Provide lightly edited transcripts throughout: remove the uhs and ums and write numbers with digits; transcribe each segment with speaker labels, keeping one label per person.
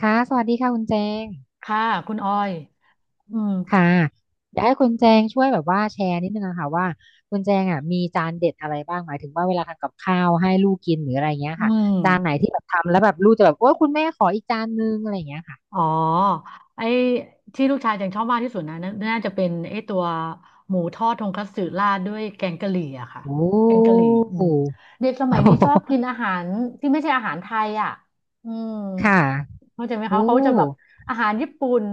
Speaker 1: ค่ะสวัสดีค่ะคุณแจง
Speaker 2: ค่ะคุณออยอืม
Speaker 1: ค่ะอยากให้คุณแจงช่วยแบบว่าแชร์นิดนึงอะค่ะว่าคุณแจงอ่ะมีจานเด็ดอะไรบ้างหมายถึงว่าเวลาทำกับข้าวให้ลูกกินหรืออะไรเงี้ย
Speaker 2: อื
Speaker 1: ค่ะจานไหน
Speaker 2: ม
Speaker 1: ที่แบบทำแล้วแบบลูกจะแบบโอ้คุณแม่ขออีกจานนึงอะไรเงี้ยค่ะ
Speaker 2: อ๋อไอ้ที่ลูกชายยังชอบมากที่สุดนะน่าจะเป็นไอ้ตัวหมูทอดทงคัตสึราดด้วยแกงกะหรี่อะค่ะ
Speaker 1: โอ้
Speaker 2: แกงกะหรี่ อืมเด็กสมัยนี้ชอบกินอาหารที่ไม่ใช่อาหารไทยอะอืม
Speaker 1: ค่ะ
Speaker 2: เข้าใจไหมคะ
Speaker 1: โอ้
Speaker 2: เขาจะแบบอาหารญี่ปุ่น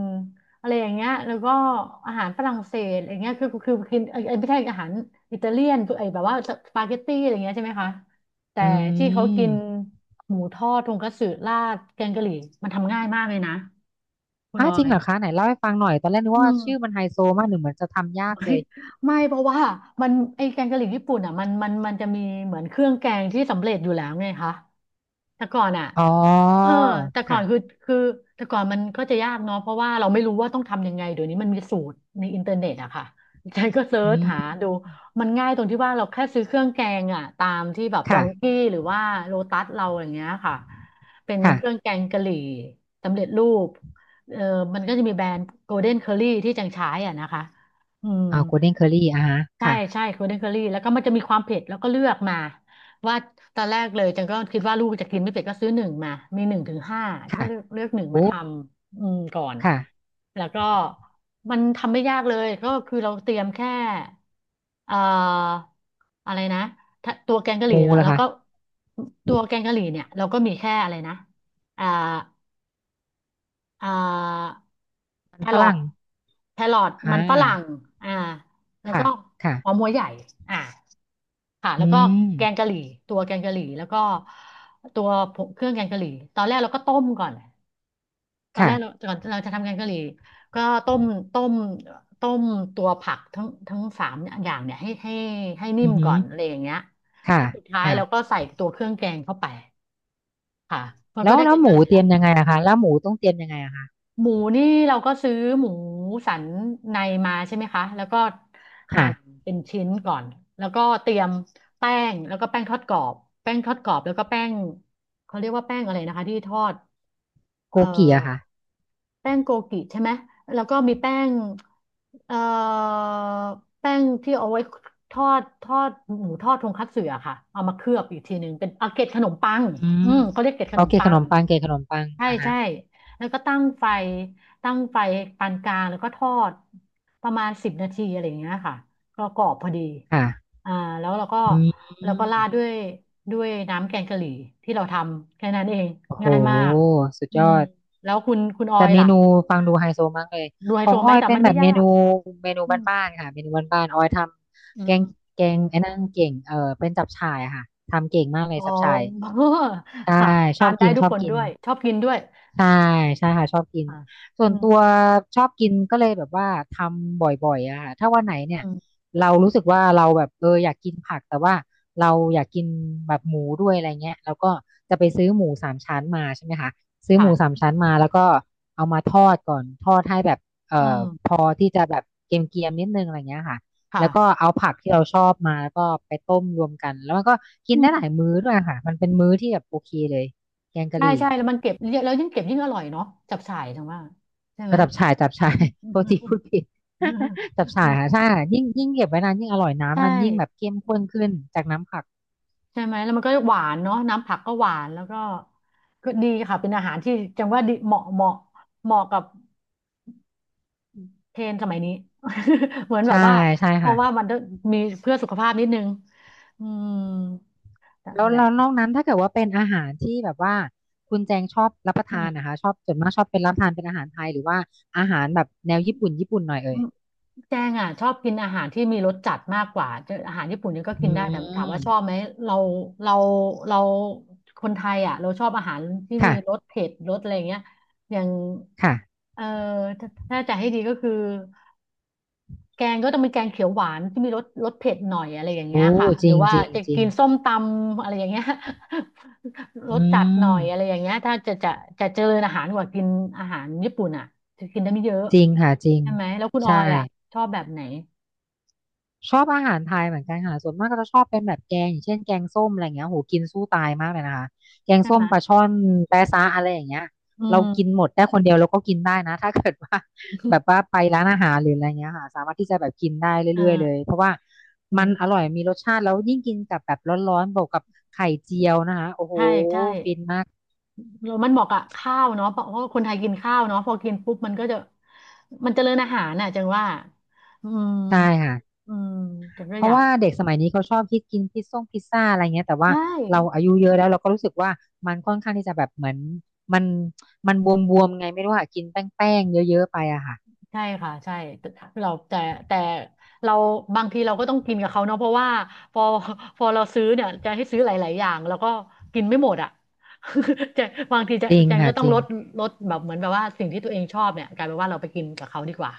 Speaker 2: อะไรอย่างเงี้ยแล้วก็อาหารฝรั่งเศสอะไรเงี้ยคือกินไอ้ไม่ใช่อาหารอิตาเลียนไอ้แบบว่าสปาเกตตี้อะไรเงี้ยใช่ไหมคะ แต่
Speaker 1: อื
Speaker 2: ที่เขากิน
Speaker 1: ม
Speaker 2: หมูทอดทงคัตสึราดแกงกะหรี่มันทำง่ายมากเลยนะคุณ
Speaker 1: ฮะ
Speaker 2: ออ
Speaker 1: จริง
Speaker 2: ย
Speaker 1: เหรอคะไหนเล่าให้ฟังหน่อยตอนแรกนึก
Speaker 2: อื
Speaker 1: ว่าชื่อมั
Speaker 2: ม
Speaker 1: นไฮโซมากหนึ่งเหมือนจะทำยาก
Speaker 2: ไม่
Speaker 1: เลย
Speaker 2: ไม่ เพราะว่ามันไอแกงกะหรี่ญี่ปุ่นอ่ะมันจะมีเหมือนเครื่องแกงที่สำเร็จอยู่แล้วไงคะ แต่ก่อนอ่ะ
Speaker 1: อ๋อ
Speaker 2: เออแต่ก่อนคือ
Speaker 1: ค่ะ
Speaker 2: คือแต่ก่อนมันก็จะยากเนาะเพราะว่าเราไม่รู้ว่าต้องทำยังไงเดี๋ยวนี้มันมีสูตรในอินเทอร์เน็ตอะค่ะฉันก็เซิ
Speaker 1: อื
Speaker 2: ร์ชหา
Speaker 1: ม
Speaker 2: ดู มันง่ายตรงที่ว่าเราแค่ซื้อเครื่องแกงอ่ะตามที่แบบดองกี้
Speaker 1: ค่ะ
Speaker 2: หรือว่าโลตัสเราอย่างเงี้ยค่ะเป็น
Speaker 1: ค่ะ
Speaker 2: เครื่องแกงกะหรี่สำเร็จรูปเออมันก็จะมีแบรนด์โกลเด้นเคอรี่ที่จังใช้อ่ะนะคะ อืม
Speaker 1: อ่าโกลเด้นเคอรี่อ่าฮะ
Speaker 2: ใช่
Speaker 1: ค่ะ
Speaker 2: ใช่โคเดนเคอรี่แล้วก็มันจะมีความเผ็ดแล้วก็เลือกมาว่าตอนแรกเลยจังก็คิดว่าลูกจะกินไม่เผ็ดก็ซื้อหนึ่งมามีหนึ่งถึงห้าจังก็
Speaker 1: ค่ะ
Speaker 2: เลือกหนึ่ง
Speaker 1: โอ้
Speaker 2: มาทำอืมก่อน
Speaker 1: ค่ะ
Speaker 2: แล้วก็มันทำไม่ยากเลยก็คือเราเตรียมแค่เอ่ออะไรนะถ้าตัวแกงกะหรี่
Speaker 1: มู
Speaker 2: เน่ย
Speaker 1: ล่ะ
Speaker 2: แล้ว
Speaker 1: คะ
Speaker 2: ก็ตัวแกงกะหรี่เนี่ยเราก็มีแค่อะไรนะอ่า อ่า
Speaker 1: มั
Speaker 2: แค
Speaker 1: นฝ
Speaker 2: รอ
Speaker 1: รั่
Speaker 2: ท
Speaker 1: งอ่
Speaker 2: มันฝรั่ง
Speaker 1: า
Speaker 2: อ่าแล้ว
Speaker 1: ค่ะ
Speaker 2: ก็
Speaker 1: ค่ะ
Speaker 2: หอมหัวใหญ่อ่าค่ะ
Speaker 1: อื
Speaker 2: แล้วก็แกง
Speaker 1: ม
Speaker 2: กะหรี่ตัวแกงกะหรี่แล้วก็ตัวผงเครื่องแกงกะหรี่ตอนแรกเราก็ต้มก่อนตอนแรกเรา
Speaker 1: ค่ะ
Speaker 2: ก่อนเราจะทำแกงกะหรี่ก็ต้มต้มต้มตัวผักทั้งสามอย่างเนี่ยให้นิ่
Speaker 1: อื
Speaker 2: ม
Speaker 1: อหื
Speaker 2: ก่อ
Speaker 1: อ
Speaker 2: นอะไรอย่างเงี้ยแล้
Speaker 1: ค่ะ
Speaker 2: วสุดท้าย
Speaker 1: ค่ะ
Speaker 2: เราก็ใส่ตัวเครื่องแกงเข้าไปค่ะมันก็
Speaker 1: แล้ว
Speaker 2: ได้แก
Speaker 1: แล้ว
Speaker 2: ง
Speaker 1: ห
Speaker 2: กะ
Speaker 1: มู
Speaker 2: หรี่
Speaker 1: เตรี
Speaker 2: ละ
Speaker 1: ยมยังไงอะคะแล้วหมูต้องเตรียมยังไงอะคะ
Speaker 2: หมูนี่เราก็ซื้อหมูสันในมาใช่ไหมคะ แล้วก็หั่
Speaker 1: ค่ะ
Speaker 2: นเป็นชิ้นก่อน แล้วก็เตรียมแป้งแล้วก็แป้งทอดกรอบแป้งทอดกรอบ แล้วก็แป้งเขาเรียกว่าแป้งอะไรนะคะที่ทอด
Speaker 1: โก
Speaker 2: เอ่อ
Speaker 1: กิอะค่ะ
Speaker 2: แป้งโกกิใช่ไหมแล้วก็มีแป้งเอ่อแป้งที่เอาไว้ทอดหมูทอดทงคัตสึอะค่ะ เอามาเคลือบอีกทีหนึ่งเป็นอาเกล็ดขนมปัง
Speaker 1: อื
Speaker 2: อื
Speaker 1: ม
Speaker 2: มเขาเรียกเกล็ดข
Speaker 1: โอ
Speaker 2: นม
Speaker 1: เค
Speaker 2: ปั
Speaker 1: ขน
Speaker 2: ง
Speaker 1: มปังเกขนมปัง
Speaker 2: ใช่
Speaker 1: อ่ะฮะ
Speaker 2: ใช่แล้วก็ตั้งไฟตั้งไฟปานกลางแล้วก็ทอดประมาณ10 นาทีอะไรอย่างเงี้ยค่ะก็กรอบพอดี
Speaker 1: ค่ะ
Speaker 2: อ่าแล้วเราก็
Speaker 1: อืม
Speaker 2: ราดด้วยน้ำแกงกะหรี่ที่เราทำแค่นั้นเอง
Speaker 1: โอ้โห
Speaker 2: ง่ายมาก
Speaker 1: สุด
Speaker 2: อื
Speaker 1: ย
Speaker 2: ม
Speaker 1: อด
Speaker 2: แล้วคุณออ
Speaker 1: แต่
Speaker 2: ย
Speaker 1: เม
Speaker 2: ล่ะ
Speaker 1: นูฟังดูไฮโซมากเลย
Speaker 2: ดูไฮ
Speaker 1: ขอ
Speaker 2: โซ
Speaker 1: ง
Speaker 2: ไห
Speaker 1: อ้
Speaker 2: ม
Speaker 1: อย
Speaker 2: แต่
Speaker 1: เป็น
Speaker 2: มัน
Speaker 1: แบ
Speaker 2: ไม่
Speaker 1: บเม
Speaker 2: ยา
Speaker 1: นู
Speaker 2: ก
Speaker 1: เมนู
Speaker 2: อืม
Speaker 1: บ้านๆค่ะเมนูบ้านๆอ้อยท
Speaker 2: อื
Speaker 1: ำแกง
Speaker 2: ม
Speaker 1: แกงไอ้นั่นเก่งเออเป็นจับฉ่ายอะค่ะทำเก่งมากเล
Speaker 2: อ๋
Speaker 1: ย
Speaker 2: อ
Speaker 1: จับฉ่าย ใช่
Speaker 2: ค่ะ
Speaker 1: ช
Speaker 2: ทา
Speaker 1: อบ
Speaker 2: นได้
Speaker 1: กิน
Speaker 2: ทุ
Speaker 1: ช
Speaker 2: ก
Speaker 1: อบ
Speaker 2: คน
Speaker 1: กิ
Speaker 2: ด้
Speaker 1: น
Speaker 2: วยชอบกินด้วย
Speaker 1: ใช่ใช่ค่ะชอบกิน
Speaker 2: ค่ะ
Speaker 1: ส่ว
Speaker 2: อื
Speaker 1: น
Speaker 2: ม
Speaker 1: ตัวชอบกินก็เลยแบบว่าทำบ่อยๆอะค่ะถ้าวันไหนเนี่ย
Speaker 2: อืม
Speaker 1: เรารู้สึกว่าเราแบบเอออยากกินผักแต่ว่าเราอยากกินแบบหมูด้วยอะไรเงี้ยเราก็จะไปซื้อหมูสามชั้นมาใช่ไหมคะซื้อหมูสา
Speaker 2: ค่ะ
Speaker 1: มชั้นมาแล้วก็เอามาทอดก่อนทอดให้แบบเอ่อ
Speaker 2: อื
Speaker 1: พ
Speaker 2: ม
Speaker 1: อที่จะแบบเกรียมๆนิดนึงอะไรเงี้ยค่ะ
Speaker 2: ค่ะ
Speaker 1: แล้วก็เอาผักที่เราชอบมาแล้วก็ไปต้มรวมกันแล้วมันก็กิ
Speaker 2: อื
Speaker 1: นได้
Speaker 2: ม
Speaker 1: หลายมื้อด้วยค่ะมันเป็นมื้อที่แบบโอเคเลยแกงกะ
Speaker 2: ใช่
Speaker 1: หรี่
Speaker 2: ใช่แล้วมันเก็บเยอะแล้วยิ่งเก็บยิ่งอร่อยเนาะจับฉ่ายจังว่าใช่
Speaker 1: เอ
Speaker 2: ไหม
Speaker 1: อจับฉ่ายจับฉ่า
Speaker 2: อื
Speaker 1: ย
Speaker 2: มอื
Speaker 1: โท
Speaker 2: ม
Speaker 1: ษที
Speaker 2: อืม
Speaker 1: พูดผิด
Speaker 2: อืม
Speaker 1: จับฉ่า
Speaker 2: อื
Speaker 1: ย
Speaker 2: ม
Speaker 1: ค่ะใช่ค่ะยิ่งยิ่งเก็บไว้นานยิ่งอร่อย
Speaker 2: ใช่
Speaker 1: น้ำมันยิ่งแบบเข้มข้นขึ้นจากน้ำผัก
Speaker 2: ใช่ไหมแล้วมันก็หวานเนาะน้ำผักก็หวานแล้วก็ก็ดีค่ะเป็นอาหารที่จังว่าดีเหมาะกับ เทรนด์สมัยนี้ เหมือนแบ
Speaker 1: ใช่
Speaker 2: บว่า
Speaker 1: ใช่
Speaker 2: เพ
Speaker 1: ค่ะ
Speaker 2: ราะว่ามันต้องมีเพื่อสุขภาพนิดนึงอืมนั่น
Speaker 1: แล้ว
Speaker 2: แหละ
Speaker 1: แล้วนอกนั้นถ้าเกิดว่าเป็นอาหารที่แบบว่าคุณแจงชอบรับประ
Speaker 2: อื
Speaker 1: ทานนะคะ
Speaker 2: ม
Speaker 1: ชอบส่วนมากชอบเป็นรับประทานเป็นอาหารไทยหรือว่าอาหารแบบแนวญี่ปุ่นญี่ปุ่นหน่อยเอ่ย
Speaker 2: แจงอ่ะชอบกินอาหารที่มีรสจัดมากกว่าจะอาหารญี่ปุ่นเนี่ยก็กิ
Speaker 1: อื
Speaker 2: นได้แต่ถาม
Speaker 1: ม
Speaker 2: ว่าชอบไหมเราเราเราคนไทยอ่ะเราชอบอาหารที่มี
Speaker 1: ค่ะ
Speaker 2: รสเผ็ดอะไรอย่างเงี้ยอย่าง
Speaker 1: ค่ะ
Speaker 2: เออถ้าจะให้ดีก็คือ แกงก็ต้องเป็นแกงเขียวหวานที่มีรสเผ็ดหน่อยอะไรอย่างเงี้ย
Speaker 1: โอ้
Speaker 2: ค่ะ
Speaker 1: จ
Speaker 2: หรื
Speaker 1: ริ
Speaker 2: อ
Speaker 1: ง
Speaker 2: ว่า
Speaker 1: จริง
Speaker 2: จะ
Speaker 1: จริ
Speaker 2: กิ
Speaker 1: ง
Speaker 2: นส้มตำอะไรอย่างเงี้ย รส
Speaker 1: อื
Speaker 2: จัดหน่อ
Speaker 1: ม
Speaker 2: ยอะไรอย่างเงี้ยถ้าจะจะเจริญอาหารกว่ากินอาหารญี่ปุ่นอ่ะจะกินได้ไม่เยอะ
Speaker 1: จริงค่ะจริง
Speaker 2: ใช่ไหมแล้วคุณออ
Speaker 1: ใช่
Speaker 2: ยอ่ะชอบแบบไหน
Speaker 1: ชอบอาหารไทยเหมือนกันค่ะส่วนมากก็จะชอบเป็นแบบแกงอย่างเช่นแกงส้มอะไรเงี้ยโหกินสู้ตายมากเลยนะคะแกง
Speaker 2: ใช่
Speaker 1: ส้
Speaker 2: ไห
Speaker 1: ม
Speaker 2: ม
Speaker 1: ปลาช่อนแปะซะอะไรอย่างเงี้ย
Speaker 2: อื
Speaker 1: เรากินห
Speaker 2: ม
Speaker 1: มดได้คนเดียวเราก็กินได้นะ ถ้าเกิดว่า แบบว่าไปร้านอาหารหรืออะไรเงี้ยค่ะสามารถที่จะแบบกินได้
Speaker 2: เอ
Speaker 1: เรื่อยๆเลย
Speaker 2: อ
Speaker 1: เพราะว่า
Speaker 2: อื
Speaker 1: มันอ
Speaker 2: ม
Speaker 1: ร่อยมีรสชาติแล้วยิ่งกินกับแบบร้อนๆบวกกับไข่เจียวนะคะโอ้โห
Speaker 2: ใช่ใช่
Speaker 1: ฟินมาก
Speaker 2: แล้วมันเหมาะกับข้าวเนาะเพราะว่าคนไทยกินข้าวเนาะพอกินปุ๊บมันก็จะมันเจริญอาหารน่ะจังว่าอืม
Speaker 1: ใช่ค่ะ
Speaker 2: อืมจังก็
Speaker 1: เพ
Speaker 2: อ
Speaker 1: ราะ
Speaker 2: ยาก
Speaker 1: ว่าเด็กสมัยนี้เขาชอบคิดกินพิซซ่งพิซซ่าอะไรเงี้ยแต่ว่า
Speaker 2: ใช่
Speaker 1: เราอายุเยอะแล้วเราก็รู้สึกว่ามันค่อนข้างที่จะแบบเหมือนมันมันบวมๆไงไม่รู้ค่ะกินแป้งๆเยอะๆไปอะค่ะ
Speaker 2: ใช่ค่ะใช่แต่เราแต่แต่เราบางทีเราก็ต้องกินกับเขาเนาะเพราะว่าพอ พอเราซื้อเนี่ยจะให้ซื้อหลายๆอย่างแล้วก็กินไม่หมดอ่ะ จะบางทีจะ
Speaker 1: จริง
Speaker 2: แจง
Speaker 1: ค่ะ
Speaker 2: ก็ต้อ
Speaker 1: จ
Speaker 2: ง
Speaker 1: ริ
Speaker 2: ล
Speaker 1: ง
Speaker 2: ดแบบเหมือนแบบว่าสิ่งที่ตัวเองชอบเนี่ยกลายเป็นว่าเราไปกินกับเขาดีกว่า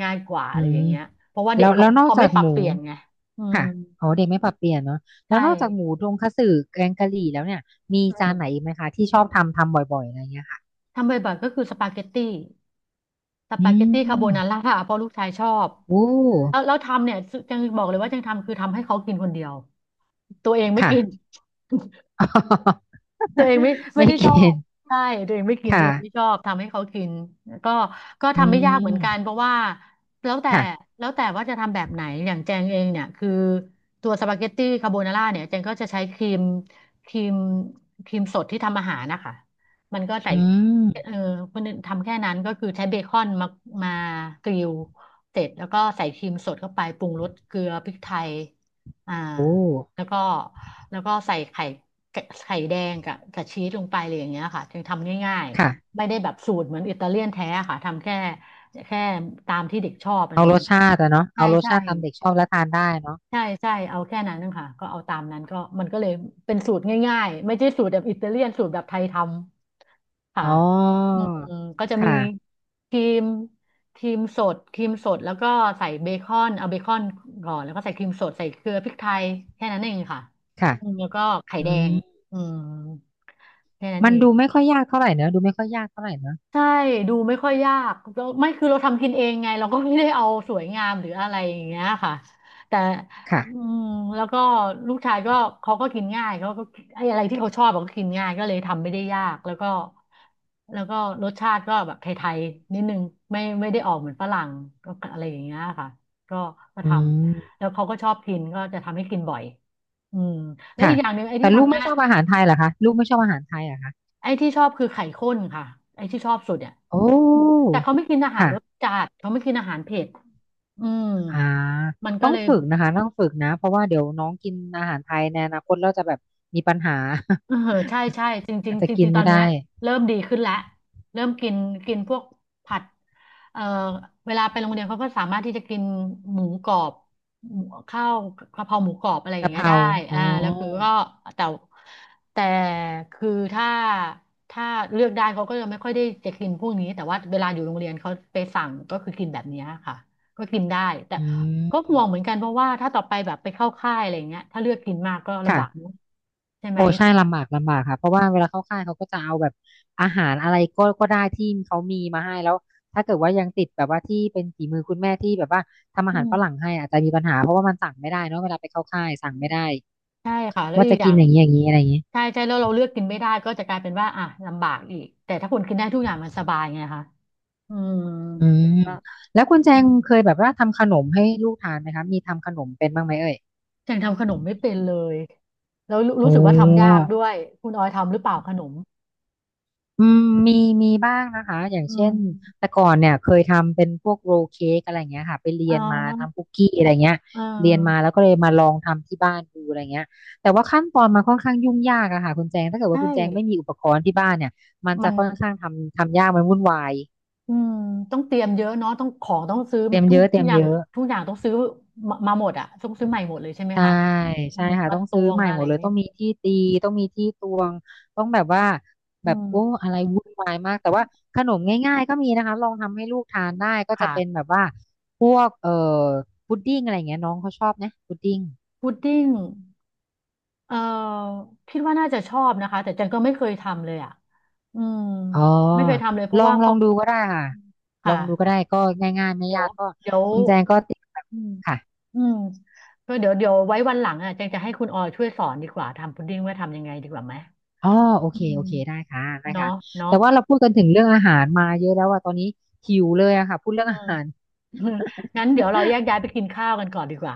Speaker 2: ง่ายกว่า
Speaker 1: อื
Speaker 2: อะไรอย่า
Speaker 1: ม
Speaker 2: งเงี้ยเพราะว่าเด็
Speaker 1: แล้
Speaker 2: ก
Speaker 1: ว
Speaker 2: เขา
Speaker 1: แล้วนอก
Speaker 2: เขา
Speaker 1: จา
Speaker 2: ไม่
Speaker 1: ก
Speaker 2: ปรั
Speaker 1: ห
Speaker 2: บ
Speaker 1: มู
Speaker 2: เปลี่ยนไงอืม
Speaker 1: ค่ะอ๋อเด็กไม่ปรับเปลี่ยนเนาะแล้
Speaker 2: ใช่
Speaker 1: วนอกจากหมูทงคัตสึแกงกะหรี่แล้วเนี่ยมี
Speaker 2: อื
Speaker 1: จาน
Speaker 2: ม
Speaker 1: ไหนอีกไหมคะที่ชอบทำทำบ่อยๆอะไรเงี้ยค่ะ
Speaker 2: ทำบ่อยๆก็คือสปาเกตตี้สปา
Speaker 1: อื
Speaker 2: เกตตี้คาโบนา
Speaker 1: ม
Speaker 2: ร่าเพราะลูกชายชอบ
Speaker 1: โอ้
Speaker 2: แล้วทำเนี่ยจังบอกเลยว่าจังทำคือทำให้เขากินคนเดียว ตัวเองไม่
Speaker 1: ค่ะ
Speaker 2: กิน ตัวเองไม่ ไม่
Speaker 1: ไม่
Speaker 2: ได้ช
Speaker 1: กิ
Speaker 2: อบ
Speaker 1: น
Speaker 2: ใช่ตัวเองไม่กินตัว
Speaker 1: ค่ะ
Speaker 2: เองไม่ชอบทำให้เขากินก็ก็
Speaker 1: อื
Speaker 2: ทำไม่ยากเหมือนกัน
Speaker 1: ม
Speaker 2: เพราะว่าแล้วแต่
Speaker 1: ค่ะ
Speaker 2: แล้วแต่ว่าจะทำแบบไหนอย่างแจงเองเนี่ยคือตัวสปาเกตตี้คาโบนาร่าเนี่ยแจงก็จะใช้ครีมครีมครีมสดที่ทำอาหารนะคะมันก็ใส่
Speaker 1: อืม
Speaker 2: เออมันทำแค่นั้นก็คือใช้เบคอนมากริลเสร็จแล้วก็ใส่ครีมสดเข้าไปปรุงรสเกลือพริกไทยอ่า
Speaker 1: โอ้
Speaker 2: แล้วก็แล้วก็ใส่ไข่ ไข่แดงกับชีสลงไปเลยอย่างเงี้ยค่ะจึงทำง่าย
Speaker 1: ค่ะ
Speaker 2: ๆไม่ได้แบบสูตรเหมือนอิตาเลียนแท้ค่ะทำแค่แค่ตามที่เด็กชอบอะไร
Speaker 1: เอารสชาติอะเนาะ
Speaker 2: ใช่
Speaker 1: เอารส
Speaker 2: ใช่
Speaker 1: ชาติตามเด็กชอบและทานได้เนาะ
Speaker 2: ใช่ใช่เอาแค่นั้นนะคะก็เอาตามนั้นก็มันก็เลยเป็นสูตรง่ายๆไม่ใช่สูตรแบบอิตาเลียนสูตรแบบไทยทำค่ะ
Speaker 1: อ๋
Speaker 2: อื
Speaker 1: อ
Speaker 2: มก็จะมี
Speaker 1: ค่ะ
Speaker 2: ครีมครีมสดแล้วก็ใส่เบคอนเอาเบคอนก่อนแล้วก็ใส่ครีมสดใส่เกลือพริกไทยแค่นั้นเองค่ะ
Speaker 1: ค่ะ
Speaker 2: อืมแล้วก็ไข่
Speaker 1: อื
Speaker 2: แดง
Speaker 1: ม
Speaker 2: อืมแค่นั้น
Speaker 1: มัน
Speaker 2: เอง
Speaker 1: ดูไม่ค่อยยากเท่าไหร่เนอะดูไม่ค่อยยากเท่าไหร่เนอะ
Speaker 2: ใช่ดูไม่ค่อยยากแล้วไม่คือเราทำกินเองไงเราก็ไม่ได้เอาสวยงามหรืออะไรอย่างเงี้ยค่ะแต่อื
Speaker 1: ค่ะ
Speaker 2: มแล้วก็ลูกชายก็เขาก็กินง่ายเขาก็ไอ้อะไรที่เขาชอบเขาก็กินง่ายก็เลยทำไม่ได้ยากแล้วก็รสชาติก็แบบไทยๆนิดนึงไม่ได้ออกเหมือนฝรั่งก็อะไรอย่างเงี้ยค่ะก็ก็
Speaker 1: อื
Speaker 2: ท
Speaker 1: ม
Speaker 2: ำแล้วเขาก็ชอบกินก็จะทำให้กินบ่อยอืมแล้ว
Speaker 1: ค่ะ
Speaker 2: อีกอย่างหนึ่งไอ้
Speaker 1: แต่
Speaker 2: ที่
Speaker 1: ลูก
Speaker 2: ทำ
Speaker 1: ไม่
Speaker 2: ง่าย
Speaker 1: ชอบอาหารไทยเหรอคะลูกไม่ชอบอาหารไทยเหรอคะ
Speaker 2: ไอ้ที่ชอบคือไข่ข้นค่ะไอ้ที่ชอบสุดเนี่ย
Speaker 1: โอ้
Speaker 2: แต่เขาไม่กินอาหาร
Speaker 1: ค่ะ
Speaker 2: รสจัดเขาไม่กินอาหารเผ็ดอืม
Speaker 1: อ่า
Speaker 2: มันก็
Speaker 1: ต้อง
Speaker 2: เลย
Speaker 1: ฝึกนะคะต้องฝึกนะเพราะว่าเดี๋ยวน้องกินอาหารไทยในอนาคตเราจะแบบมีปัญหา
Speaker 2: เออใช่ใช่จริงจริ
Speaker 1: อา
Speaker 2: ง
Speaker 1: จจะ
Speaker 2: จ
Speaker 1: กิ
Speaker 2: ริ
Speaker 1: น
Speaker 2: งๆตอ
Speaker 1: ไม่
Speaker 2: นเนี้ย
Speaker 1: ได้
Speaker 2: เริ่มดีขึ้นแล้วเริ่มกินกินพวกผัดเอ่อเวลาไปโรงเรียนเขาก็สามารถที่จะกินหมูกรอบหมูข้าวกะเพราหมูกรอบอะไรอย่าง
Speaker 1: กะเพ
Speaker 2: เงี้ย
Speaker 1: รา
Speaker 2: ได้
Speaker 1: อ๋อ
Speaker 2: อ่าแล้วคือก็แต่แต่คือถ้าเลือกได้เขาก็จะไม่ค่อยได้จะกินพวกนี้แต่ว่าเวลาอยู่โรงเรียนเขาไปสั่งก็คือกินแบบเนี้ยค่ะก็กินได้แต่
Speaker 1: อื
Speaker 2: ก็ห่ว
Speaker 1: ม
Speaker 2: งเหมือนกันเพราะว่าถ้าต่อไปแบบไปเข้าค่ายอะไรอย่างเงี้ยถ้าเลือกกินมากก็ลำบากเน
Speaker 1: ค่ะ
Speaker 2: อะใช่ไหม
Speaker 1: โอ้ใช่ลำบากลำบากค่ะเพราะว่าเวลาเข้าค่ายเขาก็จะเอาแบบอาหารอะไรก็ก็ได้ที่เขามีมาให้แล้วถ้าเกิดว่ายังติดแบบว่าที่เป็นฝีมือคุณแม่ที่แบบว่า
Speaker 2: อื
Speaker 1: ฝรั่ง
Speaker 2: ม
Speaker 1: ให้อาจจะมีปัญหาเพราะว่ามันสั่งไม่ได้เนอะเวลาไปเข้าค่ายสั่งไม่ได้
Speaker 2: ใช่ค่ะแล้ว
Speaker 1: ว่า
Speaker 2: อีก
Speaker 1: จะ
Speaker 2: อย่า
Speaker 1: กิน
Speaker 2: ง
Speaker 1: อย่างนี้อย่างนี้อะไรอย่างนี้
Speaker 2: ใช่ใช่แล้วเราเลือกกินไม่ได้ก็จะกลายเป็นว่าอ่ะลำบากอีกแต่ถ้าคุณกินได้ทุกอย่างมันสบายไงคะอืม
Speaker 1: อื
Speaker 2: เดี๋ยว
Speaker 1: ม
Speaker 2: ก็
Speaker 1: แล้วคุณแจ
Speaker 2: อื
Speaker 1: ง
Speaker 2: ม
Speaker 1: เคยแบบว่าทำขนมให้ลูกทานไหมคะมีทำขนมเป็นบ้างไหมเอ่ย
Speaker 2: ยังทำขนมไม่เป็นเลยแล้วรู้
Speaker 1: โอ้
Speaker 2: สึกว่าทำยากด้วยคุณออยทำหรือเปล่าขนม
Speaker 1: อืมมีมีบ้างนะคะอย่าง
Speaker 2: อื
Speaker 1: เช่น
Speaker 2: ม
Speaker 1: แต่ก่อนเนี่ยเคยทำเป็นพวกโรลเค้กอะไรเงี้ยค่ะไปเรีย
Speaker 2: อ่า
Speaker 1: นมาทำคุกกี้อะไรเงี้ย
Speaker 2: อ่
Speaker 1: เรียนมา
Speaker 2: า
Speaker 1: แล้วก็เลยมาลองทำที่บ้านดูอะไรเงี้ยแต่ว่าขั้นตอนมันค่อนข้างยุ่งยากอะค่ะคุณแจงถ้าเกิด
Speaker 2: ใช่
Speaker 1: ว่าคุณแจงไม่มีอุปกรณ์ที่บ้านเนี่ยมัน
Speaker 2: มั
Speaker 1: จะ
Speaker 2: น
Speaker 1: ค่อนข้างทำทำยากมันวุ่นวาย
Speaker 2: อืมต้องเตรียมเยอะเนาะต้องของต้องซื้อ
Speaker 1: เตรียมเยอะเต
Speaker 2: ทุ
Speaker 1: รี
Speaker 2: ก
Speaker 1: ยม
Speaker 2: อย่า
Speaker 1: เย
Speaker 2: ง
Speaker 1: อะ
Speaker 2: ทุกอย่างต้องซื้อมาหมดอะต้องซื้อใหม่หมดเลยใช่ไหม
Speaker 1: ใช่
Speaker 2: คะอื
Speaker 1: ใช่
Speaker 2: ม
Speaker 1: ค่ะ
Speaker 2: มา
Speaker 1: ต้อง
Speaker 2: ต
Speaker 1: ซื้อ
Speaker 2: วง
Speaker 1: ใหม่
Speaker 2: มาอะ
Speaker 1: หม
Speaker 2: ไร
Speaker 1: ด
Speaker 2: อ
Speaker 1: เล
Speaker 2: ย่าง
Speaker 1: ย
Speaker 2: นี้
Speaker 1: ต้องมีที่ตีต้องมีที่ตวงต้องแบบว่าแบ
Speaker 2: อื
Speaker 1: บ
Speaker 2: ม
Speaker 1: โอ้อะไรวุ่นวายมากแต่ว่าขนมง่ายๆก็มีนะคะลองทำให้ลูกทานได้ก็จะเป็น
Speaker 2: ค่ะ
Speaker 1: แบบว่าพวกพุดดิ้งอะไรอย่างเงี้ยน้องเขาชอบนะพุดดิ้ง
Speaker 2: พุดดิ้งเอ่อคิดว่าน่าจะชอบนะคะแต่จันก็ไม่เคยทำเลยอ่ะอืม
Speaker 1: อ๋อ
Speaker 2: ไม่เคยทำเลยเพ
Speaker 1: ล
Speaker 2: ราะ
Speaker 1: อง
Speaker 2: ว่า
Speaker 1: ลอ
Speaker 2: เขา
Speaker 1: งดูก็ได้ค่ะลองดูก็
Speaker 2: ค่ะ
Speaker 1: ได้ก็ง่ายๆไม่
Speaker 2: เดี๋ยว
Speaker 1: ยากก็
Speaker 2: เดี๋ยว
Speaker 1: คุณแจงก็ติดแบบ
Speaker 2: อืม
Speaker 1: ค่ะ
Speaker 2: อืมก็เดี๋ยวไว้วันหลังอ่ะจันจะให้คุณออยช่วยสอนดีกว่าทำพุดดิ้งว่าทำยังไงดีกว่าไหม
Speaker 1: อ๋อโอ
Speaker 2: อื
Speaker 1: เคโอ
Speaker 2: ม
Speaker 1: เคได้ค่ะได้
Speaker 2: เนาะ
Speaker 1: ค่ะ
Speaker 2: เนาะ
Speaker 1: แต่ว่าเราพูดกันถึงเรื่องอาหารมาเยอะแล้วว่าตอนนี้หิวเลยอะค่ะพูดเรื่อง
Speaker 2: อื
Speaker 1: อา
Speaker 2: ม
Speaker 1: หาร
Speaker 2: งั้นเดี๋ยวเราแยกย้ายไปกินข้าวกันก่อนดีกว่า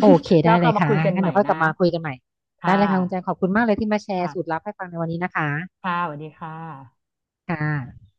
Speaker 1: โอเค
Speaker 2: แล้
Speaker 1: ได้
Speaker 2: ว
Speaker 1: เล
Speaker 2: ก็
Speaker 1: ย
Speaker 2: มา
Speaker 1: ค่ะ
Speaker 2: คุยกัน
Speaker 1: งั้น
Speaker 2: ใหม่
Speaker 1: เดี๋ยวค่อยก
Speaker 2: นะ
Speaker 1: ลับมาคุยกันใหม่
Speaker 2: ค่ะ
Speaker 1: ได้เลยค่ะคุณแจงขอบคุณมากเลยที่มาแชร์สูตร
Speaker 2: ค่ะ
Speaker 1: ลับให้ฟังในวันนี้นะคะ
Speaker 2: ค่ะสวัสดีค่ะ
Speaker 1: ค่ะ